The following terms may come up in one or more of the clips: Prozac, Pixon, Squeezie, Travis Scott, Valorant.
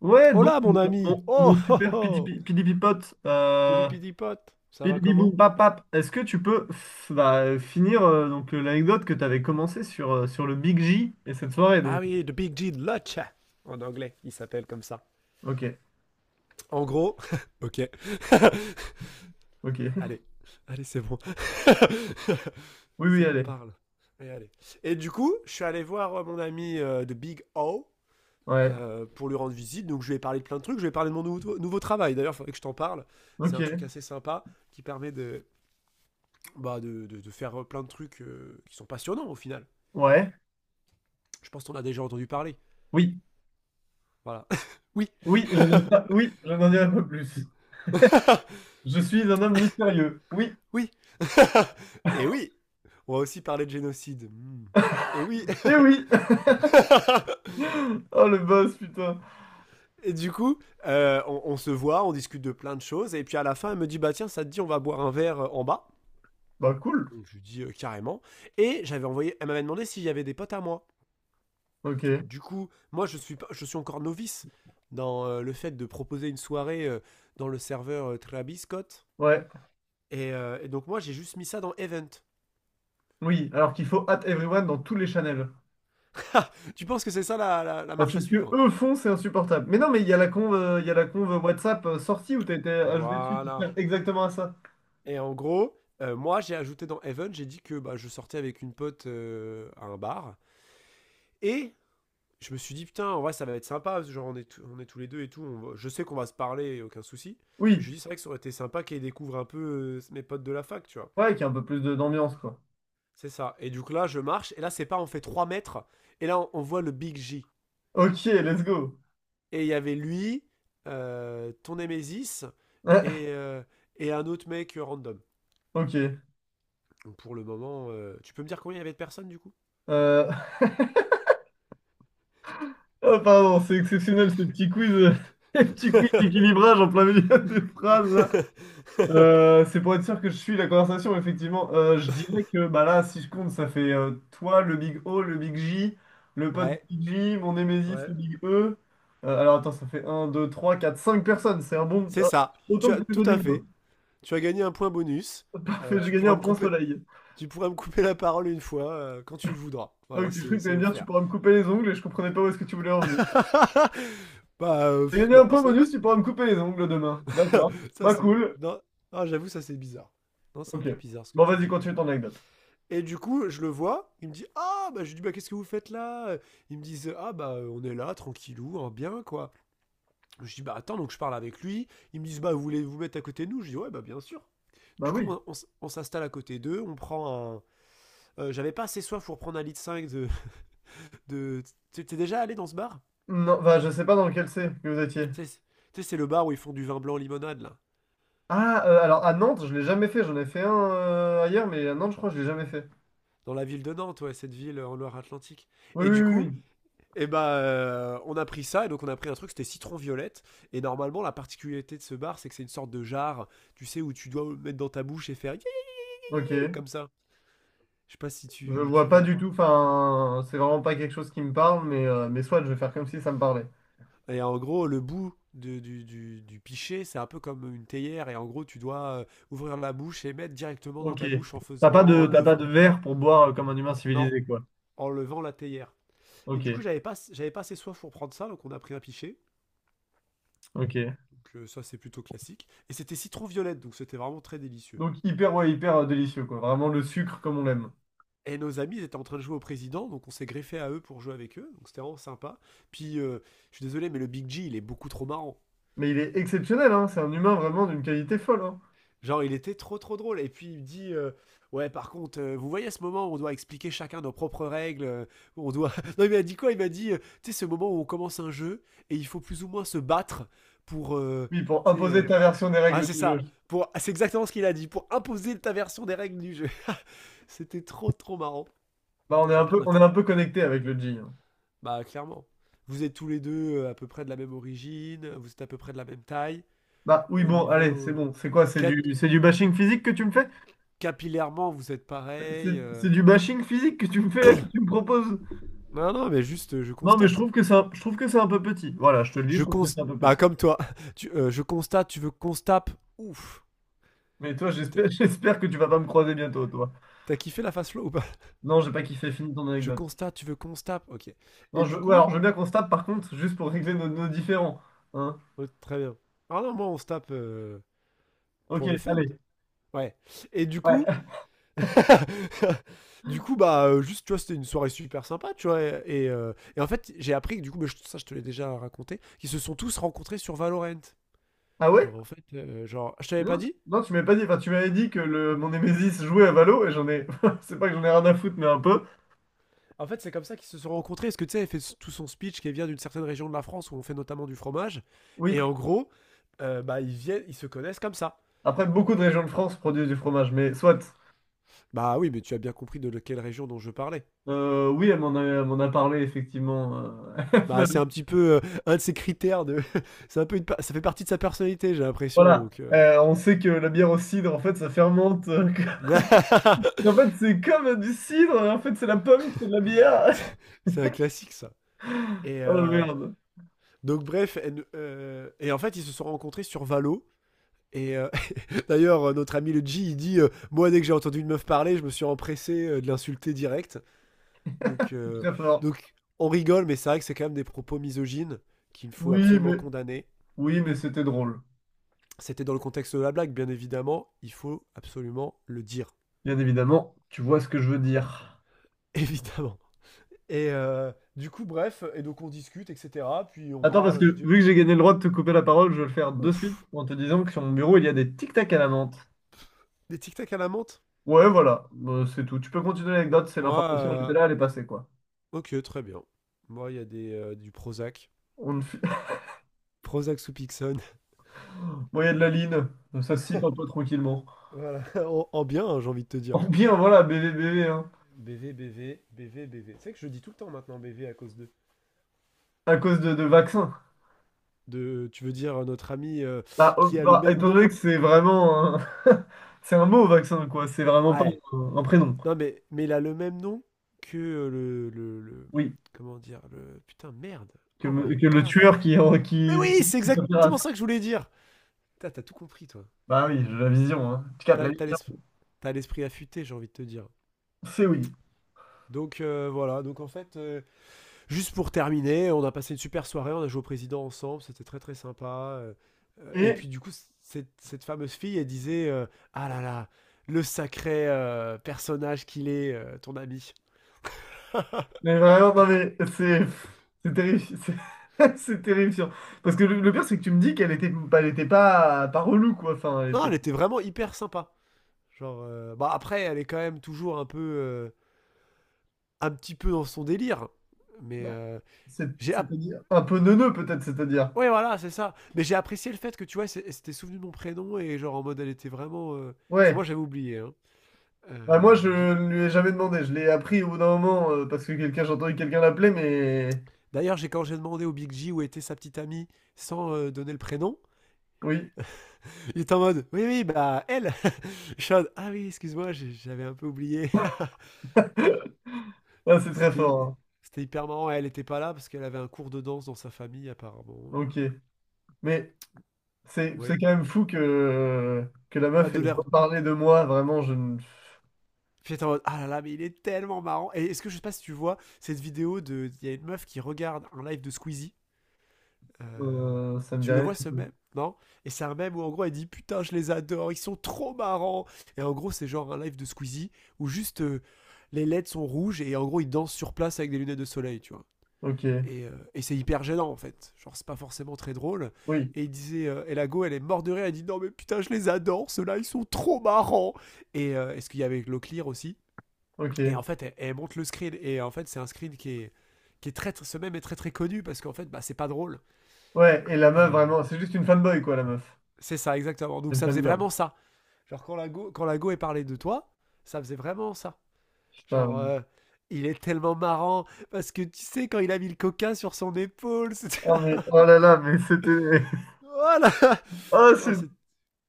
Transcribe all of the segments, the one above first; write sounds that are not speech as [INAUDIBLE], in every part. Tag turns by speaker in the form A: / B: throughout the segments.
A: Ouais, donc
B: Hola mon
A: mon,
B: ami.
A: mon-
B: Oh
A: mon
B: oh
A: super
B: oh.
A: pidipipote,
B: Pidi pidi pote, ça va
A: pidibibou
B: comment?
A: papap, est-ce que tu peux bah, finir donc l'anecdote que tu avais commencé sur le Big J et cette soirée
B: Ah
A: donc.
B: oui, The Big G de Lodge. En anglais, il s'appelle comme ça.
A: Ok,
B: En gros, [LAUGHS] ok. [LAUGHS]
A: ok.
B: Allez, allez, c'est bon. [LAUGHS]
A: Oui, oui,
B: C'est bon,
A: allez.
B: parle. Et, allez. Et du coup, je suis allé voir mon ami de Big O
A: Ouais.
B: pour lui rendre visite. Donc je lui ai parlé de plein de trucs. Je lui ai parlé de mon nouveau travail. D'ailleurs, il faudrait que je t'en parle. C'est un truc
A: Ok.
B: assez sympa qui permet de, bah, de faire plein de trucs qui sont passionnants au final.
A: Ouais.
B: Je pense qu'on a déjà entendu parler.
A: Oui.
B: Voilà. [LAUGHS] Oui,
A: Oui, je n'en pas. Oui, je n'en dirai pas plus. Je suis un homme mystérieux. Oui.
B: oui. [LAUGHS] Et oui, on va aussi parler de génocide. Hmm. Et oui.
A: Eh oui. [LAUGHS] Oh le boss, putain.
B: Et du coup, on se voit, on discute de plein de choses. Et puis à la fin, elle me dit: bah tiens, ça te dit, on va boire un verre en bas.
A: Bah cool.
B: Donc je lui dis carrément. Et j'avais envoyé, elle m'avait demandé s'il y avait des potes à moi.
A: Ok.
B: Du coup, moi je suis, pas- je suis encore novice dans le fait de proposer une soirée dans le serveur Travis Scott.
A: Ouais.
B: Et donc moi j'ai juste mis ça dans Event.
A: Oui. Alors qu'il faut at everyone dans tous les channels.
B: [LAUGHS] Tu penses que c'est ça la, la
A: Ah,
B: marche
A: c'est
B: à
A: ce que
B: suivre?
A: eux font, c'est insupportable. Mais non, mais il y a la conve WhatsApp sortie où t'as été ajouté dessus qui
B: Voilà.
A: sert exactement à ça.
B: Et en gros, moi, j'ai ajouté dans Heaven, j'ai dit que bah, je sortais avec une pote à un bar. Et je me suis dit, putain, en vrai, ça va être sympa, parce que genre, on est tous les deux et tout. On va- je sais qu'on va se parler, aucun souci. Et je
A: Oui,
B: lui dis, c'est vrai que ça aurait été sympa qu'elle découvre un peu mes potes de la fac, tu vois.
A: ouais, qui a un peu plus d'ambiance, quoi.
B: C'est ça. Et du coup, là, je marche. Et là, c'est pas, on fait 3 mètres. Et là, on voit le Big J.
A: Ok, let's go.
B: Et il y avait lui, ton Nemesis et,
A: [LAUGHS]
B: euh, et un autre mec random.
A: Ah, ok.
B: Donc, pour le moment, tu peux me dire combien il y avait de personnes du coup?
A: Euh, [LAUGHS] Oh, pardon, c'est exceptionnel ce petit quiz, [LAUGHS] petit quiz d'équilibrage en plein milieu des phrases, là.
B: [LAUGHS]
A: C'est pour être sûr que je suis la conversation, effectivement. Je dirais que bah là, si je compte, ça fait toi, le Big O, le Big J, le pote du
B: Ouais,
A: Big J, mon Nemesis, le
B: Ouais.
A: Big E. Alors attends, ça fait un, 2, 3, 4, 5 personnes. C'est un bon.
B: C'est
A: Ah,
B: ça. Tu
A: autant
B: as
A: que les
B: tout
A: autres
B: à
A: humains.
B: fait. Tu as gagné un point bonus.
A: Parfait, j'ai
B: Tu
A: gagné
B: pourras
A: un
B: me
A: point
B: couper.
A: soleil.
B: Tu pourras me couper la parole une fois quand tu le voudras. Voilà,
A: Donc tu crois que tu
B: c'est
A: allais me dire tu
B: offert.
A: pourras me couper les ongles et je comprenais pas où est-ce que tu voulais en venir.
B: [LAUGHS] Bah
A: J'ai
B: pff,
A: gagné un
B: non,
A: point
B: ça,
A: bonus, tu pourras me couper les ongles demain. D'accord.
B: [LAUGHS] ça
A: Bah
B: c'est
A: cool.
B: non. Ah, j'avoue, ça c'est bizarre. Non, c'est un
A: Ok.
B: peu bizarre ce que
A: Bon,
B: tu
A: vas-y,
B: dis quand
A: continue
B: même.
A: ton anecdote.
B: Et du coup, je le vois, il me dit: ah, bah, je lui dis: bah, qu'est-ce que vous faites là? Ils me disent: ah, bah, on est là, tranquillou, hein, bien, quoi. Je dis, bah attends, donc je parle avec lui. Ils me disent, bah vous voulez vous mettre à côté de nous? Je dis, ouais, bah bien sûr.
A: Bah
B: Du coup,
A: oui.
B: on s'installe à côté d'eux, on prend un. J'avais pas assez soif pour prendre un litre 5 de. De... T'es déjà allé dans ce bar?
A: Non, bah je sais pas dans lequel c'est que vous étiez.
B: c'est- Tu sais, c'est le bar où ils font du vin blanc limonade, là.
A: Ah, alors à Nantes, je l'ai jamais fait. J'en ai fait un ailleurs, mais à Nantes, je crois que je l'ai jamais fait.
B: Dans la ville de Nantes, ouais, cette ville en Loire-Atlantique.
A: Oui,
B: Et du
A: oui,
B: coup,
A: oui.
B: eh ben, on a pris ça, et donc on a pris un truc, c'était citron violette. Et normalement, la particularité de ce bar, c'est que c'est une sorte de jarre, tu sais, où tu dois mettre dans ta bouche et faire.
A: Oui. Ok.
B: Comme ça. Je sais pas si
A: Je
B: tu
A: vois pas
B: vois.
A: du tout. Enfin, c'est vraiment pas quelque chose qui me parle, mais soit je vais faire comme si ça me parlait.
B: Et en gros, du, du pichet, c'est un peu comme une théière. Et en gros, tu dois ouvrir la bouche et mettre directement dans
A: Ok.
B: ta bouche en
A: T'as
B: faisant,
A: pas
B: en
A: de, t'as pas
B: levant,
A: de verre pour boire comme un humain
B: non,
A: civilisé, quoi.
B: en levant la théière. Et
A: Ok,
B: du coup, j'avais pas assez soif pour prendre ça, donc on a pris un pichet.
A: ok.
B: Donc ça, c'est plutôt classique. Et c'était citron violette, donc c'était vraiment très délicieux.
A: Donc hyper, ouais, hyper délicieux, quoi. Vraiment le sucre comme on l'aime.
B: Et nos amis ils étaient en train de jouer au président, donc on s'est greffé à eux pour jouer avec eux. Donc c'était vraiment sympa. Puis, je suis désolé, mais le Big G, il est beaucoup trop marrant.
A: Mais il est exceptionnel, hein. C'est un humain vraiment d'une qualité folle, hein.
B: Genre, il était trop trop drôle. Et puis il me dit ouais, par contre, vous voyez ce moment où on doit expliquer chacun nos propres règles où on doit. [LAUGHS] Non, il m'a dit quoi? Il m'a dit tu sais, ce moment où on commence un jeu et il faut plus ou moins se battre pour.
A: Oui, pour
B: Tu sais.
A: imposer ta version des
B: Ah,
A: règles
B: c'est
A: du jeu.
B: ça. Pour... ah, c'est exactement ce qu'il a dit. Pour imposer ta version des règles du jeu. [LAUGHS] C'était trop trop marrant.
A: Bah, on est
B: Puis
A: un
B: après, on
A: peu,
B: a
A: on est
B: fait
A: un peu connecté avec le G, hein.
B: bah, clairement. Vous êtes tous les deux à peu près de la même origine, vous êtes à peu près de la même taille.
A: Bah oui,
B: Au
A: bon, allez, c'est
B: niveau
A: bon. C'est quoi? C'est
B: cap-
A: du, c'est du bashing physique que tu me fais?
B: capillairement, vous êtes pareil.
A: C'est c'est du bashing physique que tu me fais là, que tu me proposes?
B: Non, non, mais juste, je
A: Non, mais je
B: constate.
A: trouve que c'est un, je trouve que c'est un peu petit. Voilà, je te le dis,
B: Je
A: je trouve que c'est
B: constate.
A: un peu
B: Bah,
A: petit.
B: comme toi. [LAUGHS] Tu, je constate, tu veux constape? Ouf.
A: Mais toi,
B: T'as-
A: j'espère, [LAUGHS] j'espère que tu vas pas me croiser bientôt, toi.
B: T'as kiffé la face flow ou pas? [LAUGHS]
A: Non, j'ai pas kiffé, fini ton
B: Je
A: anecdote.
B: constate, tu veux constape? Ok.
A: Non,
B: Et du
A: ouais, alors
B: coup.
A: je veux bien qu'on se tape, par contre, juste pour régler nos différends. Hein?
B: Oh, très bien. Ah non, moi, on se tape
A: Ok,
B: pour le fun.
A: allez.
B: Ouais. Et du coup.
A: Ouais.
B: [LAUGHS] Du coup, bah, juste, tu vois, c'était une soirée super sympa, tu vois. Et et en fait, j'ai appris que, du coup, mais je- ça, je te l'ai déjà raconté, qu'ils se sont tous rencontrés sur Valorant.
A: Ah ouais?
B: Genre, en fait, genre, je t'avais
A: Mais
B: pas
A: non,
B: dit.
A: non, tu m'avais pas dit, enfin, tu m'avais dit que mon Nemesis jouait à Valo et j'en ai, [LAUGHS] c'est pas que j'en ai rien à foutre, mais un peu.
B: En fait, c'est comme ça qu'ils se sont rencontrés. Parce que tu sais, elle fait tout son speech qui vient d'une certaine région de la France où on fait notamment du fromage.
A: Oui.
B: Et en gros, bah, ils se connaissent comme ça.
A: Après, beaucoup de régions de France produisent du fromage, mais soit.
B: Bah oui, mais tu as bien compris de quelle région dont je parlais.
A: Oui, elle m'en a parlé, effectivement. [LAUGHS]
B: Bah c'est un petit peu un de ses critères de. [LAUGHS] C'est un peu une pa- ça fait partie de sa personnalité, j'ai l'impression.
A: Voilà.
B: Donc.
A: On sait que la bière au cidre, en fait, ça fermente. [LAUGHS]
B: [LAUGHS]
A: En fait, c'est comme du cidre, hein. En fait, c'est la pomme qui fait de la bière. [LAUGHS]
B: C'est un classique ça. Et
A: Oh merde,
B: donc bref, et en fait ils se sont rencontrés sur Valo. Et d'ailleurs, notre ami le G, il dit moi, dès que j'ai entendu une meuf parler, je me suis empressé de l'insulter direct. Donc,
A: c'est très fort.
B: donc, on rigole, mais c'est vrai que c'est quand même des propos misogynes qu'il faut
A: Oui,
B: absolument
A: mais...
B: condamner.
A: Oui, mais c'était drôle.
B: C'était dans le contexte de la blague, bien évidemment. Il faut absolument le dire.
A: Bien évidemment, tu vois ce que je veux dire.
B: [LAUGHS] Évidemment. Et du coup, bref, et donc on discute, etc. Puis on
A: Attends, parce que
B: parle, je
A: vu
B: dis:
A: que j'ai gagné le droit de te couper la parole, je vais le faire de suite
B: ouf,
A: en te disant que sur mon bureau, il y a des tic-tac à la menthe.
B: des tic-tac à la menthe?
A: Ouais, voilà, bah, c'est tout. Tu peux continuer l'anecdote, c'est
B: Moi,
A: l'information, elle était là, elle est passée, quoi.
B: ok, très bien. Moi, il y a du Prozac.
A: On ne fi-
B: Prozac sous Pixon.
A: Bon, il y a de la ligne. Ça se cite un peu tranquillement.
B: Voilà, [LAUGHS] en, en bien, hein, j'ai envie de te dire.
A: En bien, voilà, bébé, bébé, hein.
B: BV, BV, BV, BV. C'est vrai que je dis tout le temps maintenant BV à cause de.
A: À cause de vaccins.
B: De, tu veux dire notre ami
A: Bah, oh,
B: qui a le
A: bah,
B: même
A: étant donné
B: nom?
A: que c'est vraiment un... [LAUGHS] c'est un mot, vaccin, quoi. C'est vraiment pas
B: Ouais.
A: un prénom.
B: Non, mais il a le même nom que le,
A: Oui.
B: comment dire le? Putain, merde.
A: Que,
B: Oh
A: me-
B: my
A: que le
B: godness.
A: tueur qui...
B: Mais
A: qui...
B: oui, c'est
A: met terrasse.
B: exactement ça que je voulais dire. Putain, t'as tout compris, toi.
A: Bah oui, j'ai la vision, hein. Tu captes la
B: T'as t'as
A: vision.
B: l'esprit t'as l'esprit affûté, j'ai envie de te dire.
A: C'est oui.
B: Donc voilà, donc en fait, juste pour terminer, on a passé une super soirée, on a joué au président ensemble, c'était très très sympa. Euh, Et
A: Et,
B: puis du coup, cette fameuse fille, elle disait ah là là, le sacré personnage qu'il est, ton ami.
A: mais vraiment, non, mais c'est terrifiant. [LAUGHS] C'est terrifiant. Parce que le pire, c'est que tu me dis qu'elle était, elle était pas, pas relou, quoi. Enfin, elle
B: Non,
A: était.
B: elle était vraiment hyper sympa. Genre, bah après, elle est quand même toujours un petit peu dans son délire. Mais
A: Bah,
B: j'ai, app-
A: c'est-à-dire un peu neuneux, peut-être, c'est-à-dire.
B: ouais voilà, c'est ça. Mais j'ai apprécié le fait que tu vois, c'est- elle s'était souvenue de mon prénom et genre en mode, elle était vraiment. Parce que
A: Ouais,
B: moi, j'avais oublié, hein.
A: bah moi je
B: Euh, je-
A: ne lui ai jamais demandé, je l'ai appris au bout d'un moment j'ai entendu quelqu'un l'appeler, mais
B: D'ailleurs, j'ai quand j'ai demandé au Big G où était sa petite amie sans donner le prénom,
A: oui,
B: il était en mode oui, oui, bah elle [LAUGHS] je suis en mode ah oui, excuse-moi, j'avais un peu oublié.
A: [LAUGHS] Ah,
B: [LAUGHS]
A: c'est très fort,
B: C'était
A: hein.
B: c'était hyper marrant. Elle était pas là parce qu'elle avait un cours de danse dans sa famille, apparemment.
A: Ok, mais c'est
B: Oui.
A: quand même fou que la
B: Bah,
A: meuf
B: de
A: ait pas
B: l'air.
A: parlé de moi, vraiment, je ne...
B: J'étais en mode ah là là, mais il est tellement marrant. Et est-ce que je sais pas si tu vois cette vidéo de. Il y a une meuf qui regarde un live de Squeezie. Euh,
A: Ça me dit
B: tu le
A: rien
B: vois
A: du
B: ce
A: tout.
B: même? Non. Et c'est un même où en gros elle dit putain je les adore, ils sont trop marrants. Et en gros c'est genre un live de Squeezie où juste les LED sont rouges et en gros ils dansent sur place avec des lunettes de soleil, tu vois.
A: Ok,
B: Et c'est hyper gênant en fait. Genre c'est pas forcément très drôle.
A: oui,
B: Et il disait, et la go elle est morte de rire, elle dit non mais putain je les adore, ceux-là ils sont trop marrants. Et est-ce qu'il y avait le aussi? Et en
A: ok.
B: fait elle monte le screen et en fait c'est un screen qui est très, ce même est très très connu parce qu'en fait bah c'est pas drôle
A: Ouais, et la meuf,
B: et,
A: vraiment, c'est juste une fanboy quoi, la meuf.
B: c'est ça, exactement. Donc
A: C'est une
B: ça faisait
A: fangirl.
B: vraiment ça. Genre quand la go est parlé de toi, ça faisait vraiment ça.
A: Putain,
B: Genre il est tellement marrant parce que tu sais quand il a mis le coca sur son épaule, c'était
A: oh, mais, oh là là, mais c'était...
B: [LAUGHS] voilà.
A: [LAUGHS] Oh,
B: Non, c'est-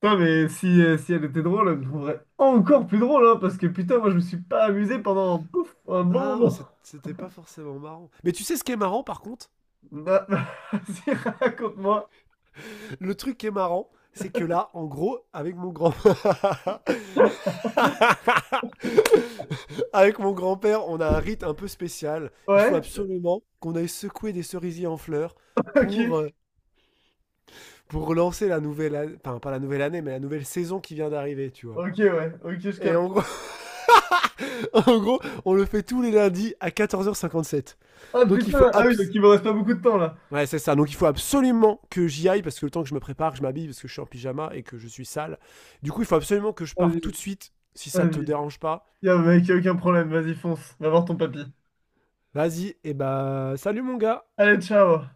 A: putain, mais si elle était drôle, elle me trouverait encore plus drôle, hein, parce que putain, moi je me suis pas amusé pendant pouf, un bon
B: ah, c'est-
A: moment.
B: C'était pas forcément marrant. Mais tu sais ce qui est marrant par contre?
A: Bah, [LAUGHS] vas-y, raconte-moi.
B: Le truc qui est marrant, c'est que là, en gros, avec mon grand [LAUGHS] avec mon grand-père, on a un rite un peu spécial. Il faut
A: Ouais,
B: absolument qu'on aille secouer des cerisiers en fleurs
A: ok,
B: pour euh, pour relancer la nouvelle année, enfin pas la nouvelle année, mais la nouvelle saison qui vient d'arriver, tu vois.
A: ok, ouais, ok, je
B: Et
A: capte.
B: en gros, [LAUGHS] en gros, on le fait tous les lundis à 14h57.
A: Ah
B: Donc il faut
A: putain, ah oui, donc
B: abs-
A: il me reste pas beaucoup de temps là.
B: Ouais, c'est ça. Donc il faut absolument que j'y aille parce que le temps que je me prépare, que je m'habille parce que je suis en pyjama et que je suis sale. Du coup, il faut absolument que je parte tout de
A: Vas-y,
B: suite si ça te
A: vas-y.
B: dérange pas.
A: Y'a mec, y a aucun problème, vas-y, fonce, va voir ton papy.
B: Vas-y, et bah salut mon gars.
A: Allez, ciao!